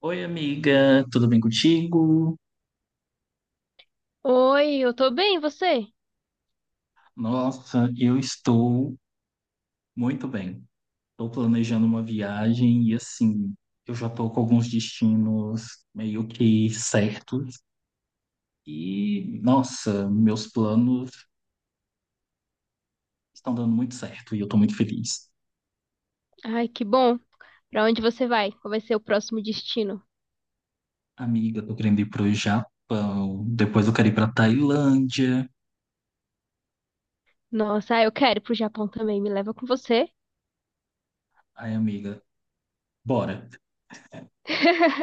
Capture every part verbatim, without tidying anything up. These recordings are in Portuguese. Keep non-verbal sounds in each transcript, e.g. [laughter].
Oi, amiga, tudo bem contigo? Oi, eu tô bem, e você? Nossa, eu estou muito bem. Estou planejando uma viagem e, assim, eu já estou com alguns destinos meio que certos. E, nossa, meus planos estão dando muito certo e eu estou muito feliz. Ai, que bom. Pra onde você vai? Qual vai ser o próximo destino? Amiga, estou querendo ir para o Japão, depois eu quero ir para Tailândia. Nossa, ah, eu quero ir pro Japão também. Me leva com você. Ai, amiga, bora. [laughs]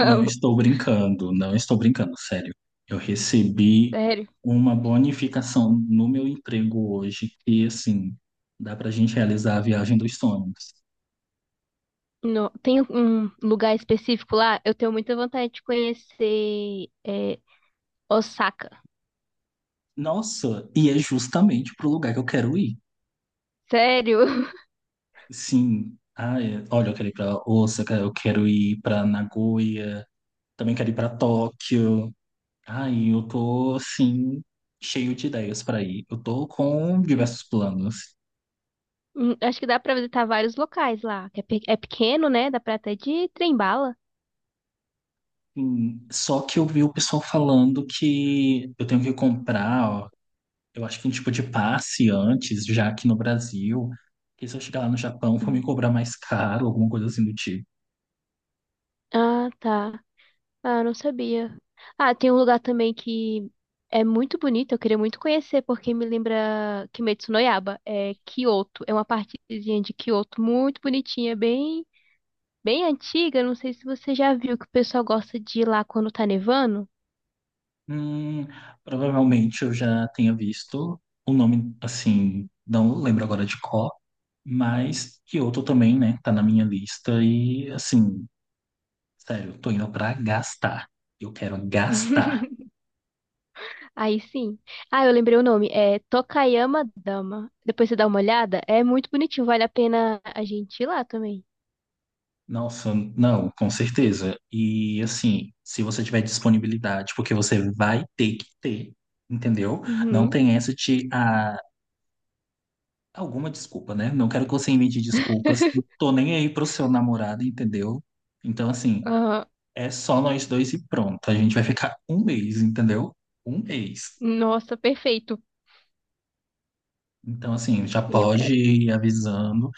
Não estou brincando, não estou brincando, sério. Eu recebi sério. uma bonificação no meu emprego hoje e, assim, dá pra gente realizar a viagem dos sonhos. Não, tem um lugar específico lá? Eu tenho muita vontade de conhecer é, Osaka. Nossa, e é justamente pro lugar que eu quero ir. Sério? [laughs] Sim, ah, é, olha, eu quero ir pra Osaka, eu quero ir pra Nagoya, também quero ir pra Tóquio. Ai, eu tô assim cheio de ideias pra ir. Eu tô com Hum, diversos planos. hum, acho que dá pra visitar vários locais lá. Que É pe- é pequeno, né? Dá pra até de trem bala. Sim, só que eu vi o pessoal falando que eu tenho que comprar, ó, eu acho que um tipo de passe antes, já aqui no Brasil, que se eu chegar lá no Japão vão me Hum. cobrar mais caro, alguma coisa assim do tipo. Ah, tá. Ah, eu não sabia. Ah, tem um lugar também que é muito bonito, eu queria muito conhecer, porque me lembra Kimetsu no Yaiba, é Kyoto. É uma partezinha de Kyoto muito bonitinha, bem, bem antiga. Não sei se você já viu que o pessoal gosta de ir lá quando tá nevando. Hum, provavelmente eu já tenha visto o nome, assim, não lembro agora de qual, mas Kyoto também, né, tá na minha lista e, assim, sério, eu tô indo pra gastar. Eu quero gastar. [laughs] Aí sim. Ah, eu lembrei o nome. É Tokayama Dama. Depois você dá uma olhada. É muito bonitinho. Vale a pena a gente ir lá também. Nossa, não, com certeza. E, assim, se você tiver disponibilidade, porque você vai ter que ter, entendeu? Não Uhum. tem essa de ah, alguma desculpa, né? Não quero que você invente desculpas. E [laughs] tô nem aí pro seu namorado, entendeu? Então, assim, Ah, é só nós dois e pronto. A gente vai ficar um mês, entendeu? Um mês. nossa, perfeito. Então, assim, já Sim, eu pode quero. ir avisando.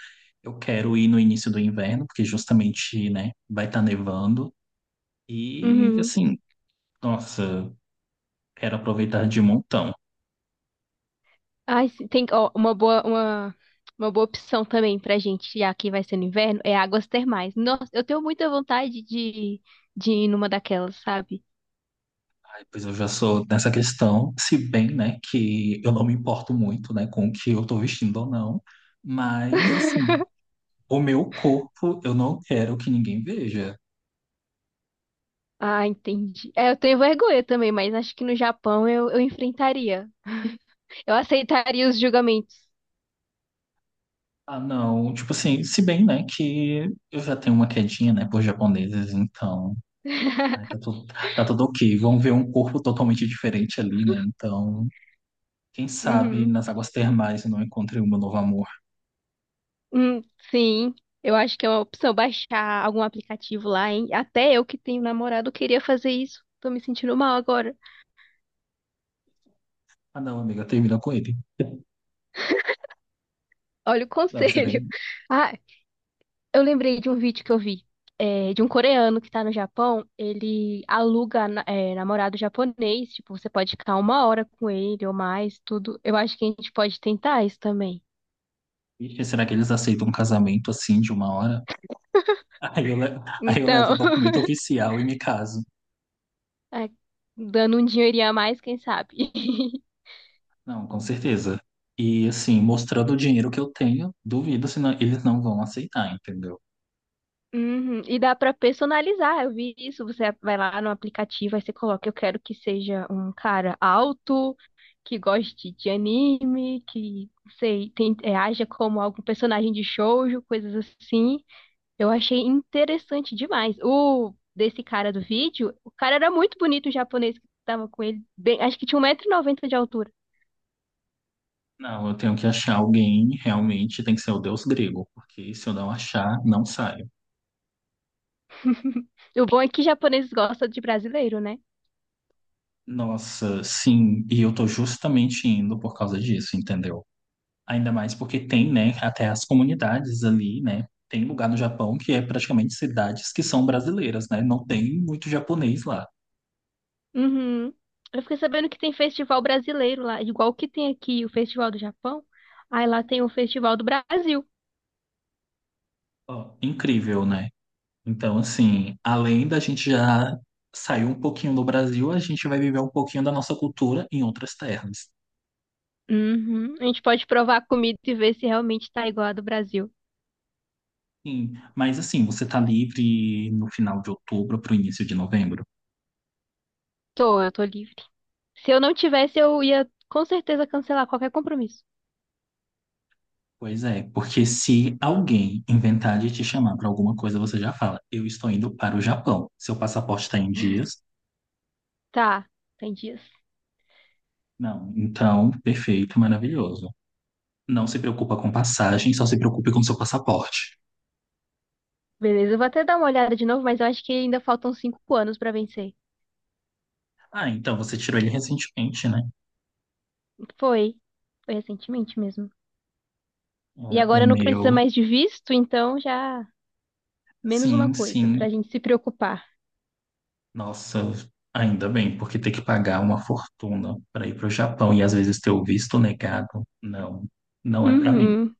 Eu quero ir no início do inverno, porque justamente, né, vai estar nevando. E, Uhum. assim. Nossa, quero aproveitar de montão. Ai, se- tem ó, uma boa, uma, uma boa opção também pra gente, já que vai ser no inverno, é águas termais. Nossa, eu tenho muita vontade de, de ir numa daquelas, sabe? Aí, pois eu já sou nessa questão, se bem, né, que eu não me importo muito, né, com o que eu tô vestindo ou não, mas, assim, [laughs] o meu corpo eu não quero que ninguém veja. Ah, entendi. É, eu tenho vergonha também, mas acho que no Japão eu, eu enfrentaria. Eu aceitaria os julgamentos. Ah, não, tipo assim, se bem, né, que eu já tenho uma quedinha, né, por japoneses, então, [laughs] né, tá tudo, tá tudo ok. Vão ver um corpo totalmente diferente ali, né, então, quem sabe Uhum. nas águas termais eu não encontrei o meu novo amor. Hum, sim, eu acho que é uma opção baixar algum aplicativo lá, hein? Até eu que tenho namorado queria fazer isso. Tô me sentindo mal agora. Ah, não, amiga, termina com ele. Olha o Não, você tem conselho. [laughs] Ah, eu lembrei de um vídeo que eu vi, é, de um coreano que tá no Japão. Ele aluga, na- é, namorado japonês. Tipo, você pode ficar uma hora com ele ou mais, tudo. Eu acho que a gente pode tentar isso também. Ixi, será que eles aceitam um casamento assim de uma hora? [laughs] Aí eu, le- aí eu levo um Então, [laughs] documento oficial e me caso. é, dando um dinheirinho a mais, quem sabe? [laughs] Não, com certeza. E assim, mostrando o dinheiro que eu tenho, duvido se não- eles não vão aceitar, entendeu? Uhum, e dá pra personalizar. Eu vi isso. Você vai lá no aplicativo, aí você coloca: eu quero que seja um cara alto, que goste de anime, que, não sei, tem, é, haja como algum personagem de shoujo, coisas assim. Eu achei interessante demais. O desse cara do vídeo, o cara era muito bonito, o japonês que tava com ele. Bem- acho que tinha um 190 noventa de altura. Não, eu tenho que achar alguém, realmente tem que ser o deus grego, porque se eu não achar, não saio. [laughs] O bom é que japoneses gostam de brasileiro, né? Nossa, sim, e eu tô justamente indo por causa disso, entendeu? Ainda mais porque tem, né, até as comunidades ali, né? Tem lugar no Japão que é praticamente cidades que são brasileiras, né? Não tem muito japonês lá. Uhum. Eu fiquei sabendo que tem festival brasileiro lá, igual que tem aqui o Festival do Japão. Aí lá tem o Festival do Brasil. Ó, incrível, né? Então, assim, além da gente já sair um pouquinho do Brasil, a gente vai viver um pouquinho da nossa cultura em outras terras. Uhum. A gente pode provar a comida e ver se realmente tá igual a do Brasil. Sim, mas assim, você tá livre no final de outubro para o início de novembro? Tô, eu tô livre. Se eu não tivesse, eu ia com certeza cancelar qualquer compromisso. Pois é, porque se alguém inventar de te chamar para alguma coisa, você já fala, eu estou indo para o Japão. Seu passaporte está em dias? Tá, tem dias. Não, então, perfeito, maravilhoso. Não se preocupa com passagem, só se preocupe com seu passaporte. Beleza, eu vou até dar uma olhada de novo, mas eu acho que ainda faltam cinco anos pra vencer. Ah, então você tirou ele recentemente, né? Foi. Foi recentemente mesmo. E É, o agora não precisa meu, mais de visto, então já menos uma sim, coisa sim. pra gente se preocupar. Nossa, ainda bem, porque ter que pagar uma fortuna para ir para o Japão e às vezes ter o visto negado, não, não é para mim. Uhum,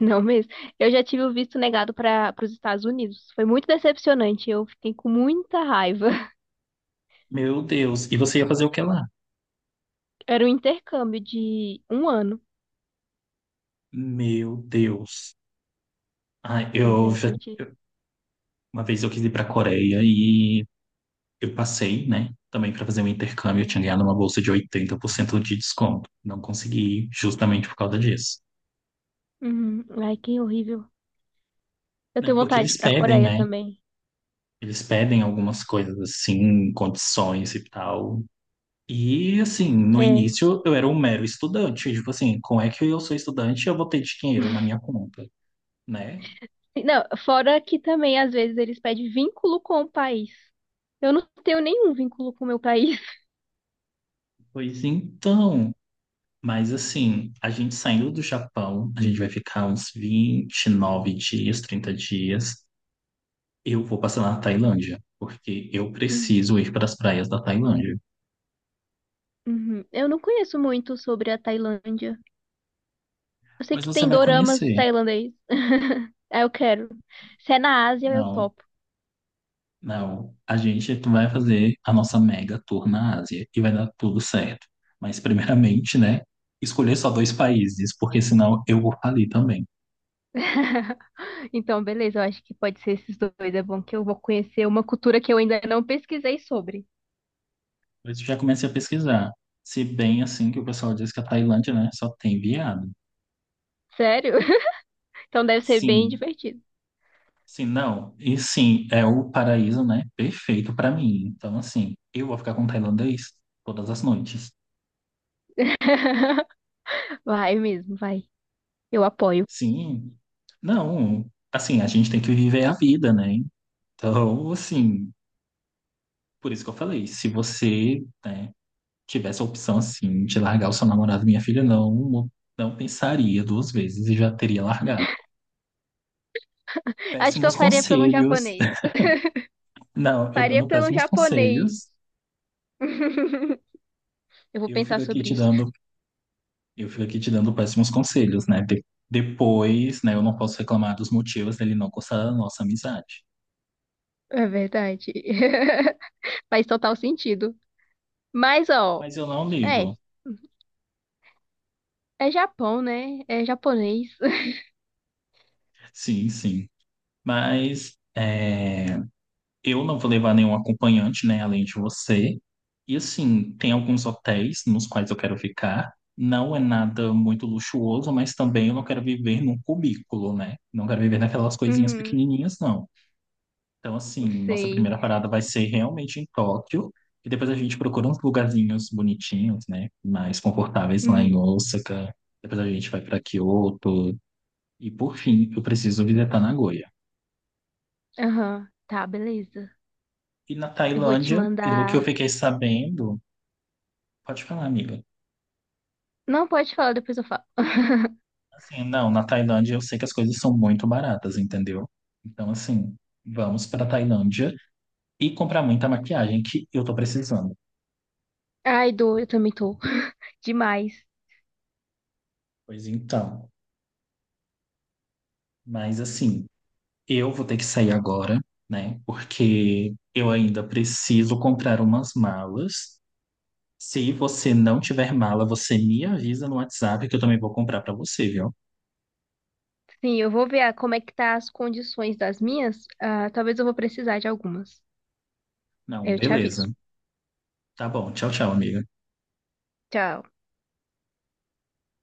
não mesmo. Eu já tive o visto negado para os Estados Unidos. Foi muito decepcionante. Eu fiquei com muita raiva. [laughs] Meu Deus, e você ia fazer o que lá? Era um intercâmbio de um ano. Meu Deus. Ai, Pois eu é, já, eu tive. eu- uma vez eu quis ir para a Coreia e eu passei, né? Também para fazer um intercâmbio, eu tinha ganhado uma bolsa de oitenta por cento de desconto. Não consegui justamente por causa disso. Uhum. Ai, que horrível. Eu Né? tenho Porque vontade de ir eles pra pedem, Coreia né? também. Eles pedem algumas coisas assim, condições e tal. E assim, no É. início eu era um mero estudante. Tipo assim, como é que eu sou estudante e eu vou ter dinheiro na minha conta, né? Não, fora que também às vezes eles pedem vínculo com o país. Eu não tenho nenhum vínculo com o meu país. [laughs] Pois então, mas assim, a gente saindo do Japão, a gente vai ficar uns vinte, e nove dias, trinta dias. Eu vou passar na Tailândia, porque eu Hum, preciso ir para as praias da Tailândia. uhum. Eu não conheço muito sobre a Tailândia. Eu sei Mas que você tem vai doramas conhecer. tailandês. [laughs] Ah, eu quero. Se é na Ásia, eu Não, topo. não. A gente vai fazer a nossa mega tour na Ásia e vai dar tudo certo. Mas, primeiramente, né, escolher só dois países, porque senão eu vou falir também. [laughs] Então, beleza, eu acho que pode ser esses dois. É bom que eu vou conhecer uma cultura que eu ainda não pesquisei sobre. Mas eu já comecei a pesquisar. Se bem assim que o pessoal diz que a Tailândia, né, só tem viado. Sério? [laughs] Então deve ser bem Sim, divertido. sim, não. E sim, é o paraíso, né, perfeito para mim. Então, assim, eu vou ficar com o tailandês todas as noites. [laughs] Vai mesmo, vai. Eu apoio. Sim. Não, assim, a gente tem que viver a vida, né? Então, assim, por isso que eu falei, se você, né, tivesse a opção, assim, de largar o seu namorado, minha filha, não, não pensaria duas vezes e já teria largado. Acho que eu Péssimos faria pelo conselhos. japonês. [laughs] Não, eu Faria dando pelo péssimos japonês. conselhos, [laughs] Eu vou eu fico pensar aqui sobre te isso. dando, eu fico aqui te dando péssimos conselhos, né? De- depois, né, eu não posso reclamar dos motivos dele não gostar da nossa amizade. É verdade. [laughs] Faz total sentido. Mas, ó, Mas eu não é. ligo. É Japão, né? É japonês. [laughs] Sim, sim. Mas é, eu não vou levar nenhum acompanhante, né, além de você. E assim, tem alguns hotéis nos quais eu quero ficar. Não é nada muito luxuoso, mas também eu não quero viver num cubículo, né? Não quero viver naquelas coisinhas Uhum, pequenininhas, não. Então, assim, nossa sei. primeira parada vai ser realmente em Tóquio. E depois a gente procura uns lugarzinhos bonitinhos, né? Mais confortáveis lá em Uhum, Osaka. Depois a gente vai para Kyoto. E por fim, eu preciso visitar Nagoya. aham. Tá, beleza. E na Eu vou te Tailândia, pelo que eu mandar. fiquei sabendo, pode falar, amiga. Não pode falar, depois eu falo. [laughs] Assim, não, na Tailândia eu sei que as coisas são muito baratas, entendeu? Então, assim, vamos para Tailândia e comprar muita maquiagem que eu tô precisando. Ai, dor, eu também tô. [laughs] Demais. Pois então, mas assim, eu vou ter que sair agora, né? Porque eu ainda preciso comprar umas malas. Se você não tiver mala, você me avisa no WhatsApp que eu também vou comprar para você, viu? Sim, eu vou ver ah, como é que tá as condições das minhas. Ah, talvez eu vou precisar de algumas. Não, Aí eu te beleza. aviso. Tá bom. Tchau, tchau, amiga. Tchau.